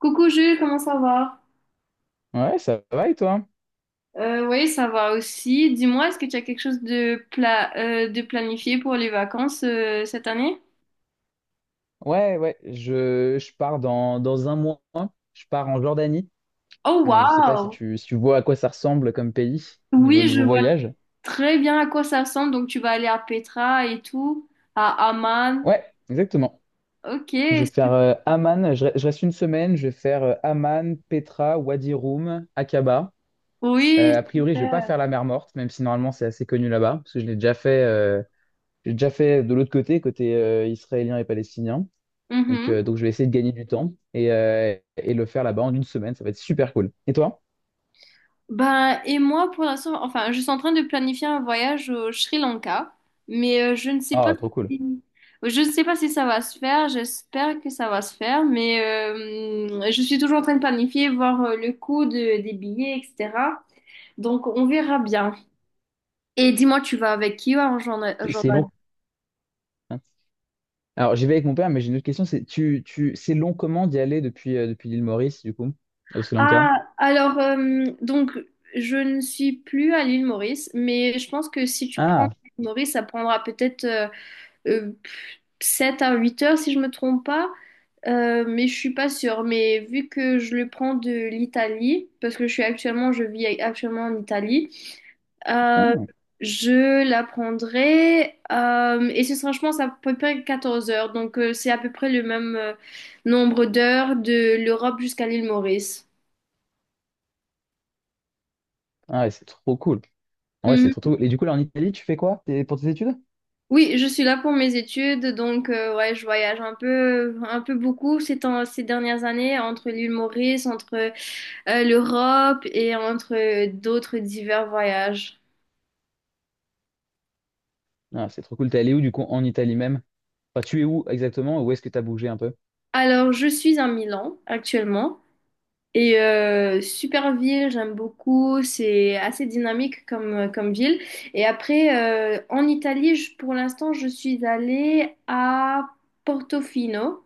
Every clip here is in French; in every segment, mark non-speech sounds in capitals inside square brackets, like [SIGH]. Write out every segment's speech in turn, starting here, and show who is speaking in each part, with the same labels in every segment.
Speaker 1: Coucou Jules, comment ça va?
Speaker 2: Ouais, ça va et toi?
Speaker 1: Oui, ça va aussi. Dis-moi, est-ce que tu as quelque chose de planifié pour les vacances cette année?
Speaker 2: Ouais, ouais, je pars dans un mois. Je pars en Jordanie.
Speaker 1: Oh
Speaker 2: Je sais pas si
Speaker 1: wow!
Speaker 2: tu vois à quoi ça ressemble comme pays, niveau,
Speaker 1: Oui, je
Speaker 2: niveau
Speaker 1: vois
Speaker 2: voyage.
Speaker 1: très bien à quoi ça ressemble. Donc tu vas aller à Petra et tout, à Amman.
Speaker 2: Ouais, exactement.
Speaker 1: Ok,
Speaker 2: Je vais faire
Speaker 1: su-
Speaker 2: Amman. Je reste une semaine. Je vais faire Amman, Petra, Wadi Rum, Aqaba.
Speaker 1: oui,
Speaker 2: A priori, je vais pas
Speaker 1: super.
Speaker 2: faire la mer Morte, même si normalement c'est assez connu là-bas, parce que je l'ai déjà fait, j'ai déjà fait de l'autre côté, côté israélien et palestinien. Donc je vais essayer de gagner du temps et le faire là-bas en une semaine. Ça va être super cool. Et toi?
Speaker 1: Ben, et moi, pour l'instant, enfin, je suis en train de planifier un voyage au Sri Lanka, mais je ne sais pas
Speaker 2: Ah, trop cool.
Speaker 1: si, je ne sais pas si ça va se faire. J'espère que ça va se faire, mais je suis toujours en train de planifier, voir le des billets, etc. Donc, on verra bien. Et dis-moi, tu vas avec qui en Jordan?
Speaker 2: C'est
Speaker 1: Jordan.
Speaker 2: long. Hein. Alors, j'y vais avec mon père, mais j'ai une autre question. C'est long comment d'y aller depuis l'île Maurice, du coup, au Sri Lanka?
Speaker 1: Ah, alors, donc, je ne suis plus à l'île Maurice, mais je pense que si tu prends
Speaker 2: Ah,
Speaker 1: l'île Maurice, ça prendra peut-être. euh, 7 à huit heures si je me trompe pas. Mais je suis pas sûre. Mais vu que je le prends de l'Italie, parce que je suis actuellement, je vis actuellement en Italie, euh,
Speaker 2: ah,
Speaker 1: je la prendrai et ce sera, je pense, à peu près 14 heures. Donc c'est à peu près le même nombre d'heures de l'Europe jusqu'à l'île Maurice.
Speaker 2: ah ouais, c'est trop cool. Ouais, c'est trop,
Speaker 1: Mhm.
Speaker 2: trop cool. Et du coup, là, en Italie, tu fais quoi, pour tes études?
Speaker 1: Oui, je suis là pour mes études, donc ouais, je voyage un peu beaucoup ces temps, ces dernières années entre l'île Maurice, entre l'Europe et entre d'autres divers voyages.
Speaker 2: Ah, c'est trop cool. T'es allé où, du coup, en Italie même? Enfin, tu es où exactement? Où est-ce que t'as bougé un peu?
Speaker 1: Alors, je suis à Milan actuellement et super ville, j'aime beaucoup, c'est assez dynamique comme, comme ville. Et après, en Italie, pour l'instant, je suis allée à Portofino.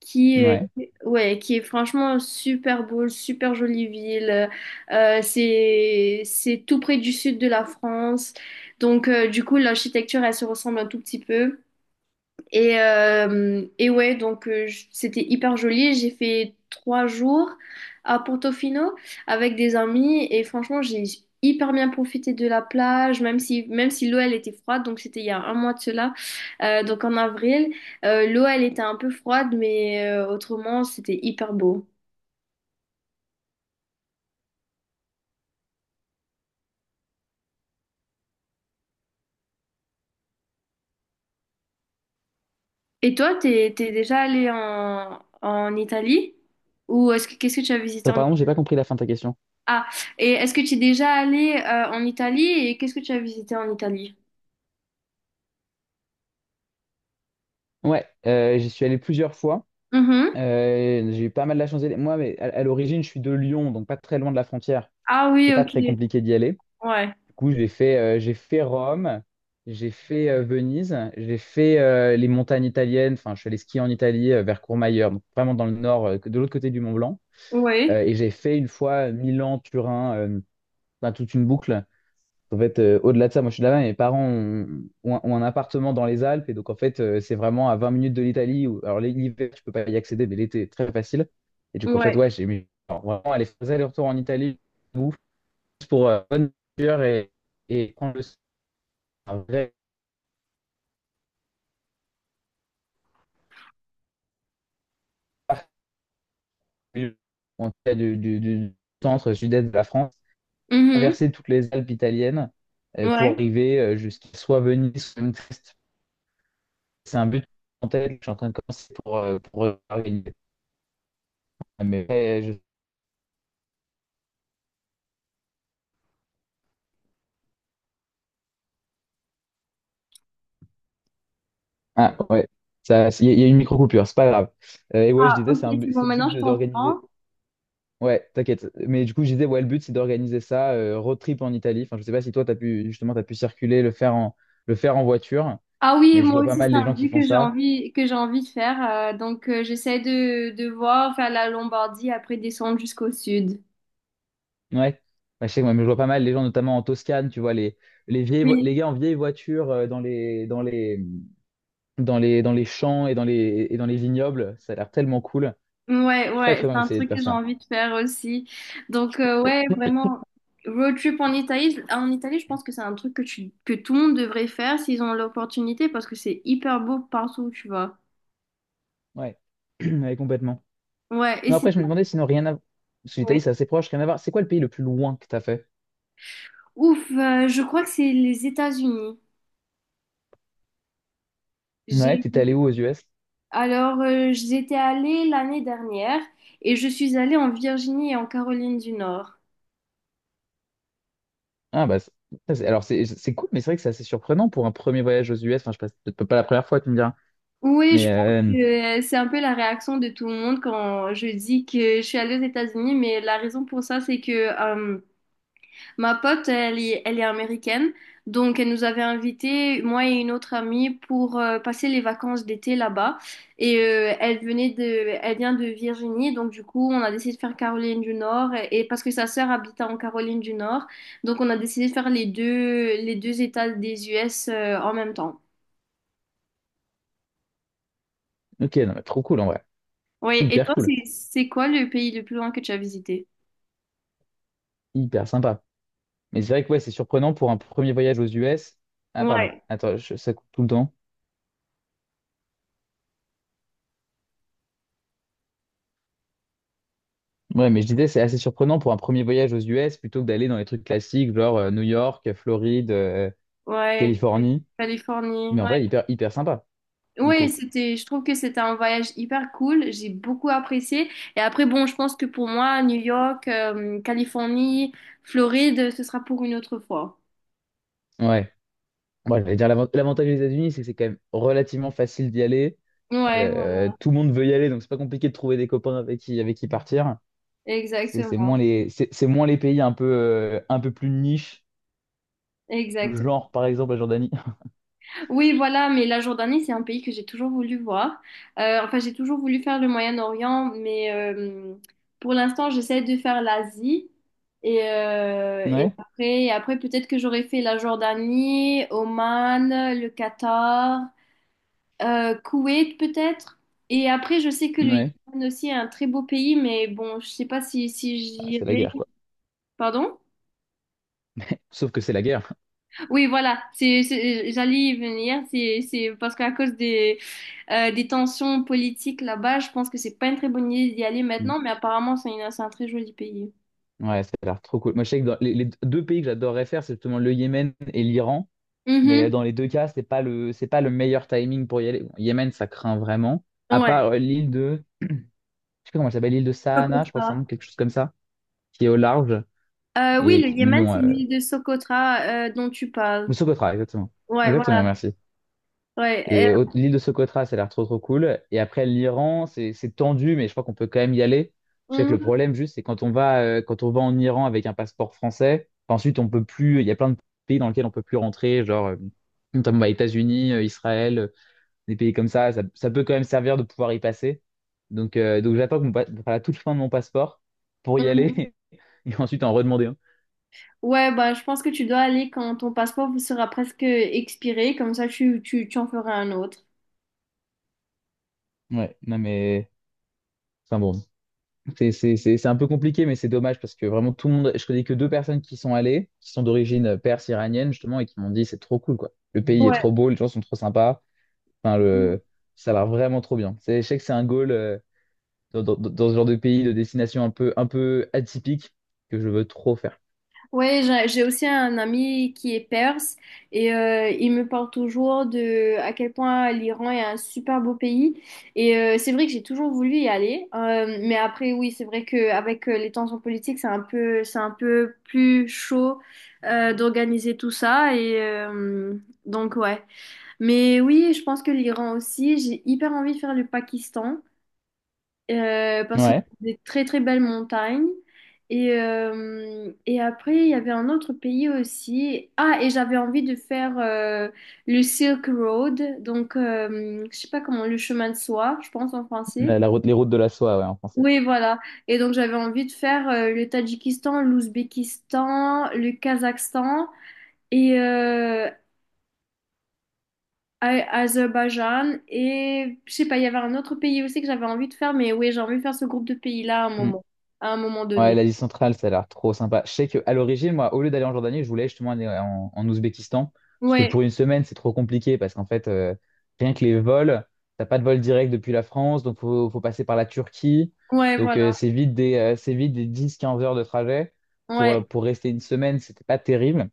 Speaker 1: Qui est,
Speaker 2: Ouais.
Speaker 1: ouais, qui est franchement super beau, super jolie ville. C'est tout près du sud de la France. Donc, du coup, l'architecture, elle se ressemble un tout petit peu. Et ouais, donc c'était hyper joli. J'ai fait 3 jours à Portofino avec des amis et franchement, j'ai hyper bien profité de la plage, même si l'eau elle était froide, donc c'était il y a un mois de cela. Donc en avril. L'eau elle était un peu froide, mais autrement, c'était hyper beau. Et toi, t'es déjà allé en, en Italie? Ou est-ce que qu'est-ce que tu as visité
Speaker 2: Attends,
Speaker 1: en...
Speaker 2: pardon, j'ai pas compris la fin de ta question.
Speaker 1: Ah, et est-ce que tu es déjà allé en Italie et qu'est-ce que tu as visité en Italie?
Speaker 2: Ouais, j'y suis allé plusieurs fois.
Speaker 1: Mhm.
Speaker 2: J'ai eu pas mal la chance d'y aller. Moi, mais à l'origine, je suis de Lyon, donc pas très loin de la frontière.
Speaker 1: Ah
Speaker 2: C'est
Speaker 1: oui,
Speaker 2: pas
Speaker 1: ok.
Speaker 2: très compliqué d'y aller.
Speaker 1: Ouais.
Speaker 2: Du coup, j'ai fait Rome, j'ai fait Venise, j'ai fait les montagnes italiennes. Enfin, je suis allé skier en Italie vers Courmayeur, donc vraiment dans le nord, de l'autre côté du Mont Blanc.
Speaker 1: Ouais.
Speaker 2: Et j'ai fait une fois Milan, Turin, enfin, toute une boucle. En fait, au-delà de ça, moi je suis de là-bas, mes parents ont, ont un appartement dans les Alpes, et donc en fait, c'est vraiment à 20 minutes de l'Italie. Alors l'hiver, je peux pas y accéder, mais l'été, très facile. Et donc en fait,
Speaker 1: Ouais.
Speaker 2: ouais, j'ai mis alors, vraiment aller faire des allers-retours en Italie, ouf, juste pour bonne nourriture et prendre le un vrai parcours, en tout cas, du centre-sud-est de la France,
Speaker 1: Mhm.
Speaker 2: traverser toutes les Alpes italiennes pour
Speaker 1: Ouais.
Speaker 2: arriver jusqu'à soit Venise, soit Utrecht. C'est un but en tête, que je suis en train de commencer pour organiser. Mais je Ah ouais, ça, il y a une micro-coupure, c'est pas grave. Et ouais, je
Speaker 1: Ah,
Speaker 2: disais,
Speaker 1: ok,
Speaker 2: c'est
Speaker 1: c'est bon,
Speaker 2: c'est le
Speaker 1: maintenant
Speaker 2: but
Speaker 1: je
Speaker 2: d'organiser.
Speaker 1: t'entends.
Speaker 2: Ouais, t'inquiète. Mais du coup, je disais, ouais, le but, c'est d'organiser ça, road trip en Italie. Enfin, je sais pas si toi, t'as pu, justement, t'as pu circuler, le faire en voiture.
Speaker 1: Ah oui,
Speaker 2: Mais je
Speaker 1: moi
Speaker 2: vois pas
Speaker 1: aussi,
Speaker 2: mal
Speaker 1: c'est
Speaker 2: les
Speaker 1: un
Speaker 2: gens qui
Speaker 1: but
Speaker 2: font ça.
Speaker 1: que j'ai envie de faire. Donc, j'essaie de voir, faire la Lombardie, après descendre jusqu'au sud.
Speaker 2: Ouais. Bah, je sais, ouais, mais je vois pas mal les gens, notamment en Toscane, tu vois, les, les vieilles, vo-
Speaker 1: Oui.
Speaker 2: les gars en vieilles voitures dans les, dans les champs et et dans les vignobles. Ça a l'air tellement cool.
Speaker 1: Ouais,
Speaker 2: J'ai très,
Speaker 1: ouais,
Speaker 2: très envie
Speaker 1: c'est un
Speaker 2: d'essayer de
Speaker 1: truc
Speaker 2: faire
Speaker 1: que j'ai
Speaker 2: ça.
Speaker 1: envie de faire aussi. Donc, ouais, vraiment, road trip en Italie. En Italie, je pense que c'est un truc que, tu, que tout le monde devrait faire s'ils ont l'opportunité parce que c'est hyper beau partout où tu vas.
Speaker 2: Ouais, [CLEARS THROAT] ouais, complètement.
Speaker 1: Ouais, et
Speaker 2: Non, après,
Speaker 1: sinon,
Speaker 2: je me demandais, sinon, rien à... Parce que l'Italie, c'est assez proche, rien à voir. C'est quoi le pays le plus loin que t'as fait?
Speaker 1: ouf, je crois que c'est les États-Unis.
Speaker 2: Ouais,
Speaker 1: J'ai
Speaker 2: t'étais allé où aux US?
Speaker 1: alors j'étais allée l'année dernière et je suis allée en Virginie et en Caroline du Nord.
Speaker 2: Ah, bah, ça, alors, c'est cool, mais c'est vrai que c'est assez surprenant pour un premier voyage aux US. Enfin, je sais pas, c'est peut-être pas la première fois, tu me diras.
Speaker 1: Oui, je
Speaker 2: Mais,
Speaker 1: pense que c'est un peu la réaction de tout le monde quand je dis que je suis allée aux États-Unis, mais la raison pour ça, c'est que ma pote, elle est américaine, donc elle nous avait invités, moi et une autre amie, pour passer les vacances d'été là-bas. Et elle vient de Virginie, donc du coup, on a décidé de faire Caroline du Nord, et parce que sa sœur habitait en Caroline du Nord, donc on a décidé de faire les deux États des US en même temps.
Speaker 2: ok, non, mais trop cool, en vrai.
Speaker 1: Oui, et
Speaker 2: Hyper
Speaker 1: toi,
Speaker 2: cool.
Speaker 1: c'est quoi le pays le plus loin que tu as visité?
Speaker 2: Hyper sympa. Mais c'est vrai que, ouais, c'est surprenant pour un premier voyage aux US. Ah, pardon.
Speaker 1: Ouais,
Speaker 2: Attends, ça coupe tout le temps. Ouais, mais je disais, c'est assez surprenant pour un premier voyage aux US plutôt que d'aller dans les trucs classiques, genre New York, Floride,
Speaker 1: ouais,
Speaker 2: Californie.
Speaker 1: Californie,
Speaker 2: Mais en vrai,
Speaker 1: ouais.
Speaker 2: hyper, hyper sympa, du
Speaker 1: Oui,
Speaker 2: coup.
Speaker 1: c'était, je trouve que c'était un voyage hyper cool. J'ai beaucoup apprécié. Et après, bon, je pense que pour moi, New York, Californie, Floride, ce sera pour une autre fois.
Speaker 2: Ouais. Moi, j'allais dire, l'avantage des États-Unis, c'est que c'est quand même relativement facile d'y aller.
Speaker 1: Ouais, ouais,
Speaker 2: Tout le monde veut y aller, donc c'est pas compliqué de trouver des copains avec qui, partir. C'est c'est
Speaker 1: exactement,
Speaker 2: moins les, c'est c'est moins les pays un peu plus niche,
Speaker 1: exactement.
Speaker 2: genre par exemple la Jordanie. [LAUGHS]
Speaker 1: Oui, voilà, mais la Jordanie, c'est un pays que j'ai toujours voulu voir. Enfin, j'ai toujours voulu faire le Moyen-Orient, mais pour l'instant, j'essaie de faire l'Asie. Et, euh, et
Speaker 2: Ouais,
Speaker 1: après, et après peut-être que j'aurais fait la Jordanie, Oman, le Qatar. Koweït peut-être. Et après, je sais que le
Speaker 2: ouais.
Speaker 1: Yémen aussi est un très beau pays, mais bon, je sais pas si
Speaker 2: Ah, c'est la
Speaker 1: j'irai.
Speaker 2: guerre, quoi.
Speaker 1: Pardon?
Speaker 2: Sauf que c'est la guerre.
Speaker 1: Oui, voilà, j'allais y venir. C'est parce qu'à cause des tensions politiques là-bas, je pense que c'est pas une très bonne idée d'y aller
Speaker 2: Mm.
Speaker 1: maintenant, mais apparemment, c'est un très joli pays.
Speaker 2: Ouais, ça a l'air trop cool. Moi, je sais que dans les deux pays que j'adorerais faire, c'est justement le Yémen et l'Iran. Mais
Speaker 1: Mhm.
Speaker 2: dans les deux cas, c'est pas le meilleur timing pour y aller. Bon, Yémen, ça craint vraiment. À
Speaker 1: Ouais,
Speaker 2: part l'île de. Je sais pas comment elle s'appelle, l'île de Sahana, je crois que c'est un
Speaker 1: Socotra.
Speaker 2: nom, quelque chose comme ça, qui est au large
Speaker 1: Oui,
Speaker 2: et
Speaker 1: le
Speaker 2: qui,
Speaker 1: Yémen,
Speaker 2: bon,
Speaker 1: c'est l'île de Socotra dont tu parles.
Speaker 2: ou Socotra, exactement.
Speaker 1: Ouais,
Speaker 2: Exactement,
Speaker 1: voilà.
Speaker 2: merci.
Speaker 1: Ouais.
Speaker 2: Et l'île de Socotra, ça a l'air trop trop cool. Et après l'Iran, c'est tendu, mais je crois qu'on peut quand même y aller. Je sais que le
Speaker 1: euh,
Speaker 2: problème juste, c'est quand on va en Iran avec un passeport français, ensuite on peut plus. Il y a plein de pays dans lesquels on peut plus rentrer, genre notamment bah, États-Unis, Israël, des pays comme ça. Ça peut quand même servir de pouvoir y passer. Donc j'attends que enfin, à toute fin de mon passeport pour y
Speaker 1: mhm.
Speaker 2: aller. [LAUGHS] [LAUGHS] Et ensuite en redemander un.
Speaker 1: Ouais, bah, je pense que tu dois aller quand ton passeport vous sera presque expiré, comme ça tu en feras un autre.
Speaker 2: Ouais, non mais. Enfin bon, c'est un peu compliqué, mais c'est dommage parce que vraiment tout le monde. Je connais que deux personnes qui sont allées, qui sont d'origine perse iranienne justement, et qui m'ont dit c'est trop cool quoi. Le pays est
Speaker 1: Ouais.
Speaker 2: trop beau, les gens sont trop sympas. Enfin, ça a l'air vraiment trop bien. Je sais que c'est un goal dans, dans ce genre de pays, de destination un peu atypique que je veux trop faire.
Speaker 1: Ouais, j'ai aussi un ami qui est perse et il me parle toujours de à quel point l'Iran est un super beau pays. Et c'est vrai que j'ai toujours voulu y aller. Mais après oui, c'est vrai qu'avec les tensions politiques, c'est un peu plus chaud d'organiser tout ça donc ouais. Mais oui, je pense que l'Iran aussi. J'ai hyper envie de faire le Pakistan parce qu'il
Speaker 2: Ouais.
Speaker 1: y a des très très belles montagnes. Et après, il y avait un autre pays aussi. Ah, et j'avais envie de faire le Silk Road, donc je sais pas comment, le chemin de soie, je pense en français.
Speaker 2: La route, les routes de la soie, ouais, en français.
Speaker 1: Oui, voilà. Et donc j'avais envie de faire le Tadjikistan, l'Ouzbékistan, le Kazakhstan. Et, euh, Azerbaïdjan et je sais pas, il y avait un autre pays aussi que j'avais envie de faire, mais oui, j'ai envie de faire ce groupe de pays-là
Speaker 2: Mm.
Speaker 1: à un moment
Speaker 2: Ouais,
Speaker 1: donné.
Speaker 2: l'Asie centrale, ça a l'air trop sympa. Je sais qu'à l'origine, moi, au lieu d'aller en Jordanie, je voulais justement aller en Ouzbékistan. Parce que
Speaker 1: Ouais,
Speaker 2: pour une semaine, c'est trop compliqué. Parce qu'en fait, rien que les vols, t'as pas de vol direct depuis la France. Donc, faut passer par la Turquie.
Speaker 1: ouais,
Speaker 2: Donc,
Speaker 1: voilà,
Speaker 2: c'est vite des 10-15 heures de trajet. Pour, euh,
Speaker 1: ouais.
Speaker 2: pour rester une semaine, c'était pas terrible.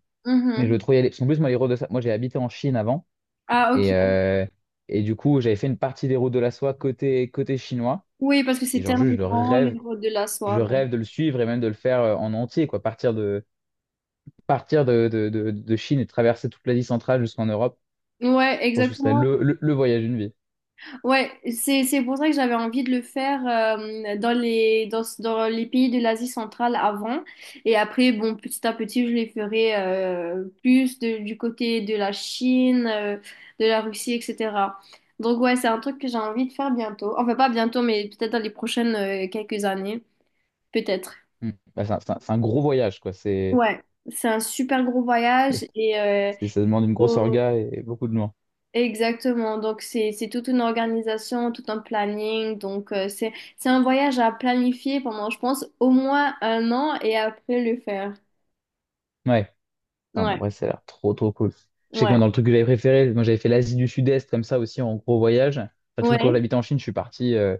Speaker 2: Mais je
Speaker 1: Mhm.
Speaker 2: veux trop y aller. Parce qu'en plus, moi, ça moi, j'ai habité en Chine avant.
Speaker 1: Ah,
Speaker 2: Et,
Speaker 1: ok.
Speaker 2: euh, et du coup, j'avais fait une partie des routes de la soie côté chinois.
Speaker 1: Oui, parce que c'est
Speaker 2: Et genre,
Speaker 1: tellement
Speaker 2: juste, je le
Speaker 1: grand, les
Speaker 2: rêve
Speaker 1: routes de la soie.
Speaker 2: je
Speaker 1: Bon.
Speaker 2: rêve de le suivre et même de le faire en entier, quoi. Partir de Chine et traverser toute l'Asie centrale jusqu'en Europe,
Speaker 1: Ouais,
Speaker 2: je pense que ce serait
Speaker 1: exactement.
Speaker 2: le voyage d'une vie.
Speaker 1: Ouais, c'est pour ça que j'avais envie de le faire dans les pays de l'Asie centrale avant et après bon petit à petit je les ferai du côté de la Chine, de la Russie etc. Donc ouais c'est un truc que j'ai envie de faire bientôt. Enfin pas bientôt mais peut-être dans les prochaines quelques années peut-être.
Speaker 2: Mm. Bah, c'est un, c'est un gros voyage, quoi.
Speaker 1: Ouais c'est un super gros voyage et
Speaker 2: Ça demande une grosse
Speaker 1: faut-
Speaker 2: orga et beaucoup de loin.
Speaker 1: exactement, donc c'est toute une organisation, tout un planning, donc c'est un voyage à planifier pendant, je pense, au moins un an et après le faire.
Speaker 2: Ouais. Enfin, bon, en
Speaker 1: Ouais,
Speaker 2: vrai, ça a l'air trop, trop cool. Je sais que moi,
Speaker 1: ouais,
Speaker 2: dans le truc que j'avais préféré, moi, j'avais fait l'Asie du Sud-Est comme ça aussi en gros voyage. Enfin, du coup, quand
Speaker 1: ouais.
Speaker 2: j'habitais en Chine, je suis parti.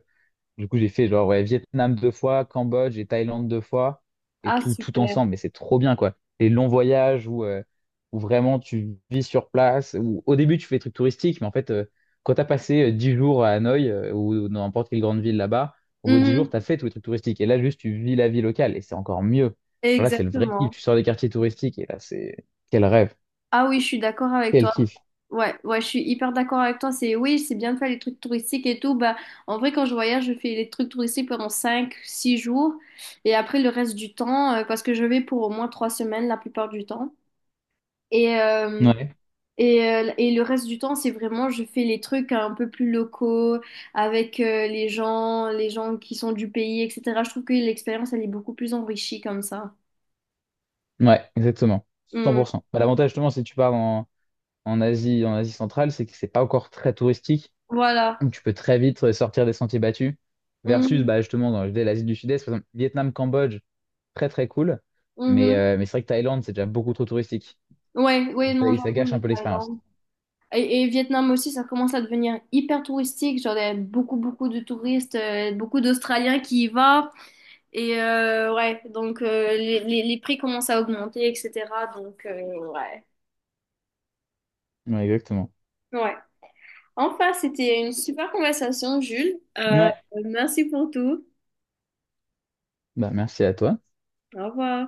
Speaker 2: Du coup, j'ai fait genre ouais, Vietnam deux fois, Cambodge et Thaïlande deux fois, et
Speaker 1: Ah,
Speaker 2: tout, tout
Speaker 1: super.
Speaker 2: ensemble. Mais c'est trop bien, quoi. Les longs voyages où vraiment tu vis sur place, où au début tu fais des trucs touristiques, mais en fait, quand tu as passé 10 jours à Hanoï ou dans n'importe quelle grande ville là-bas, au bout de 10 jours,
Speaker 1: Mhm.
Speaker 2: tu as fait tous les trucs touristiques. Et là, juste, tu vis la vie locale, et c'est encore mieux. Genre là, c'est le vrai kiff.
Speaker 1: Exactement.
Speaker 2: Tu sors des quartiers touristiques, et là, c'est quel rêve,
Speaker 1: Ah oui, je suis d'accord avec
Speaker 2: quel
Speaker 1: toi.
Speaker 2: kiff.
Speaker 1: Ouais, ouais, je suis hyper d'accord avec toi. C'est oui, c'est bien de faire les trucs touristiques et tout. Bah, en vrai, quand je voyage, je fais les trucs touristiques pendant 5, 6 jours et après le reste du temps, parce que je vais pour au moins 3 semaines la plupart du temps. Et, euh,
Speaker 2: Ouais,
Speaker 1: et le reste du temps, c'est vraiment, je fais les trucs un peu plus locaux, avec les gens qui sont du pays, etc. Je trouve que l'expérience, elle est beaucoup plus enrichie comme ça.
Speaker 2: ouais, exactement.
Speaker 1: Mm.
Speaker 2: 100%. Bah, l'avantage, justement, c'est que tu pars en Asie, en Asie centrale, c'est que c'est pas encore très touristique.
Speaker 1: Voilà.
Speaker 2: Donc tu peux très vite sortir des sentiers battus. Versus,
Speaker 1: Mhm.
Speaker 2: bah, justement, dans dès l'Asie du Sud-Est, par exemple, Vietnam, Cambodge, très très cool. Mais,
Speaker 1: Mhm.
Speaker 2: euh, mais c'est vrai que Thaïlande, c'est déjà beaucoup trop touristique.
Speaker 1: Ouais, ouais,
Speaker 2: Et ça,
Speaker 1: non,
Speaker 2: et ça
Speaker 1: j'avoue,
Speaker 2: gâche
Speaker 1: le
Speaker 2: un peu l'expérience.
Speaker 1: Thaïlande. Et Vietnam aussi, ça commence à devenir hyper touristique. Genre, il y a beaucoup, beaucoup de touristes, beaucoup d'Australiens qui y vont. Et ouais, donc les prix commencent à augmenter, etc. Donc, ouais.
Speaker 2: Ouais, exactement.
Speaker 1: Ouais. Enfin, c'était une super conversation, Jules.
Speaker 2: Ouais,
Speaker 1: Merci pour tout.
Speaker 2: bah merci à toi.
Speaker 1: Au revoir.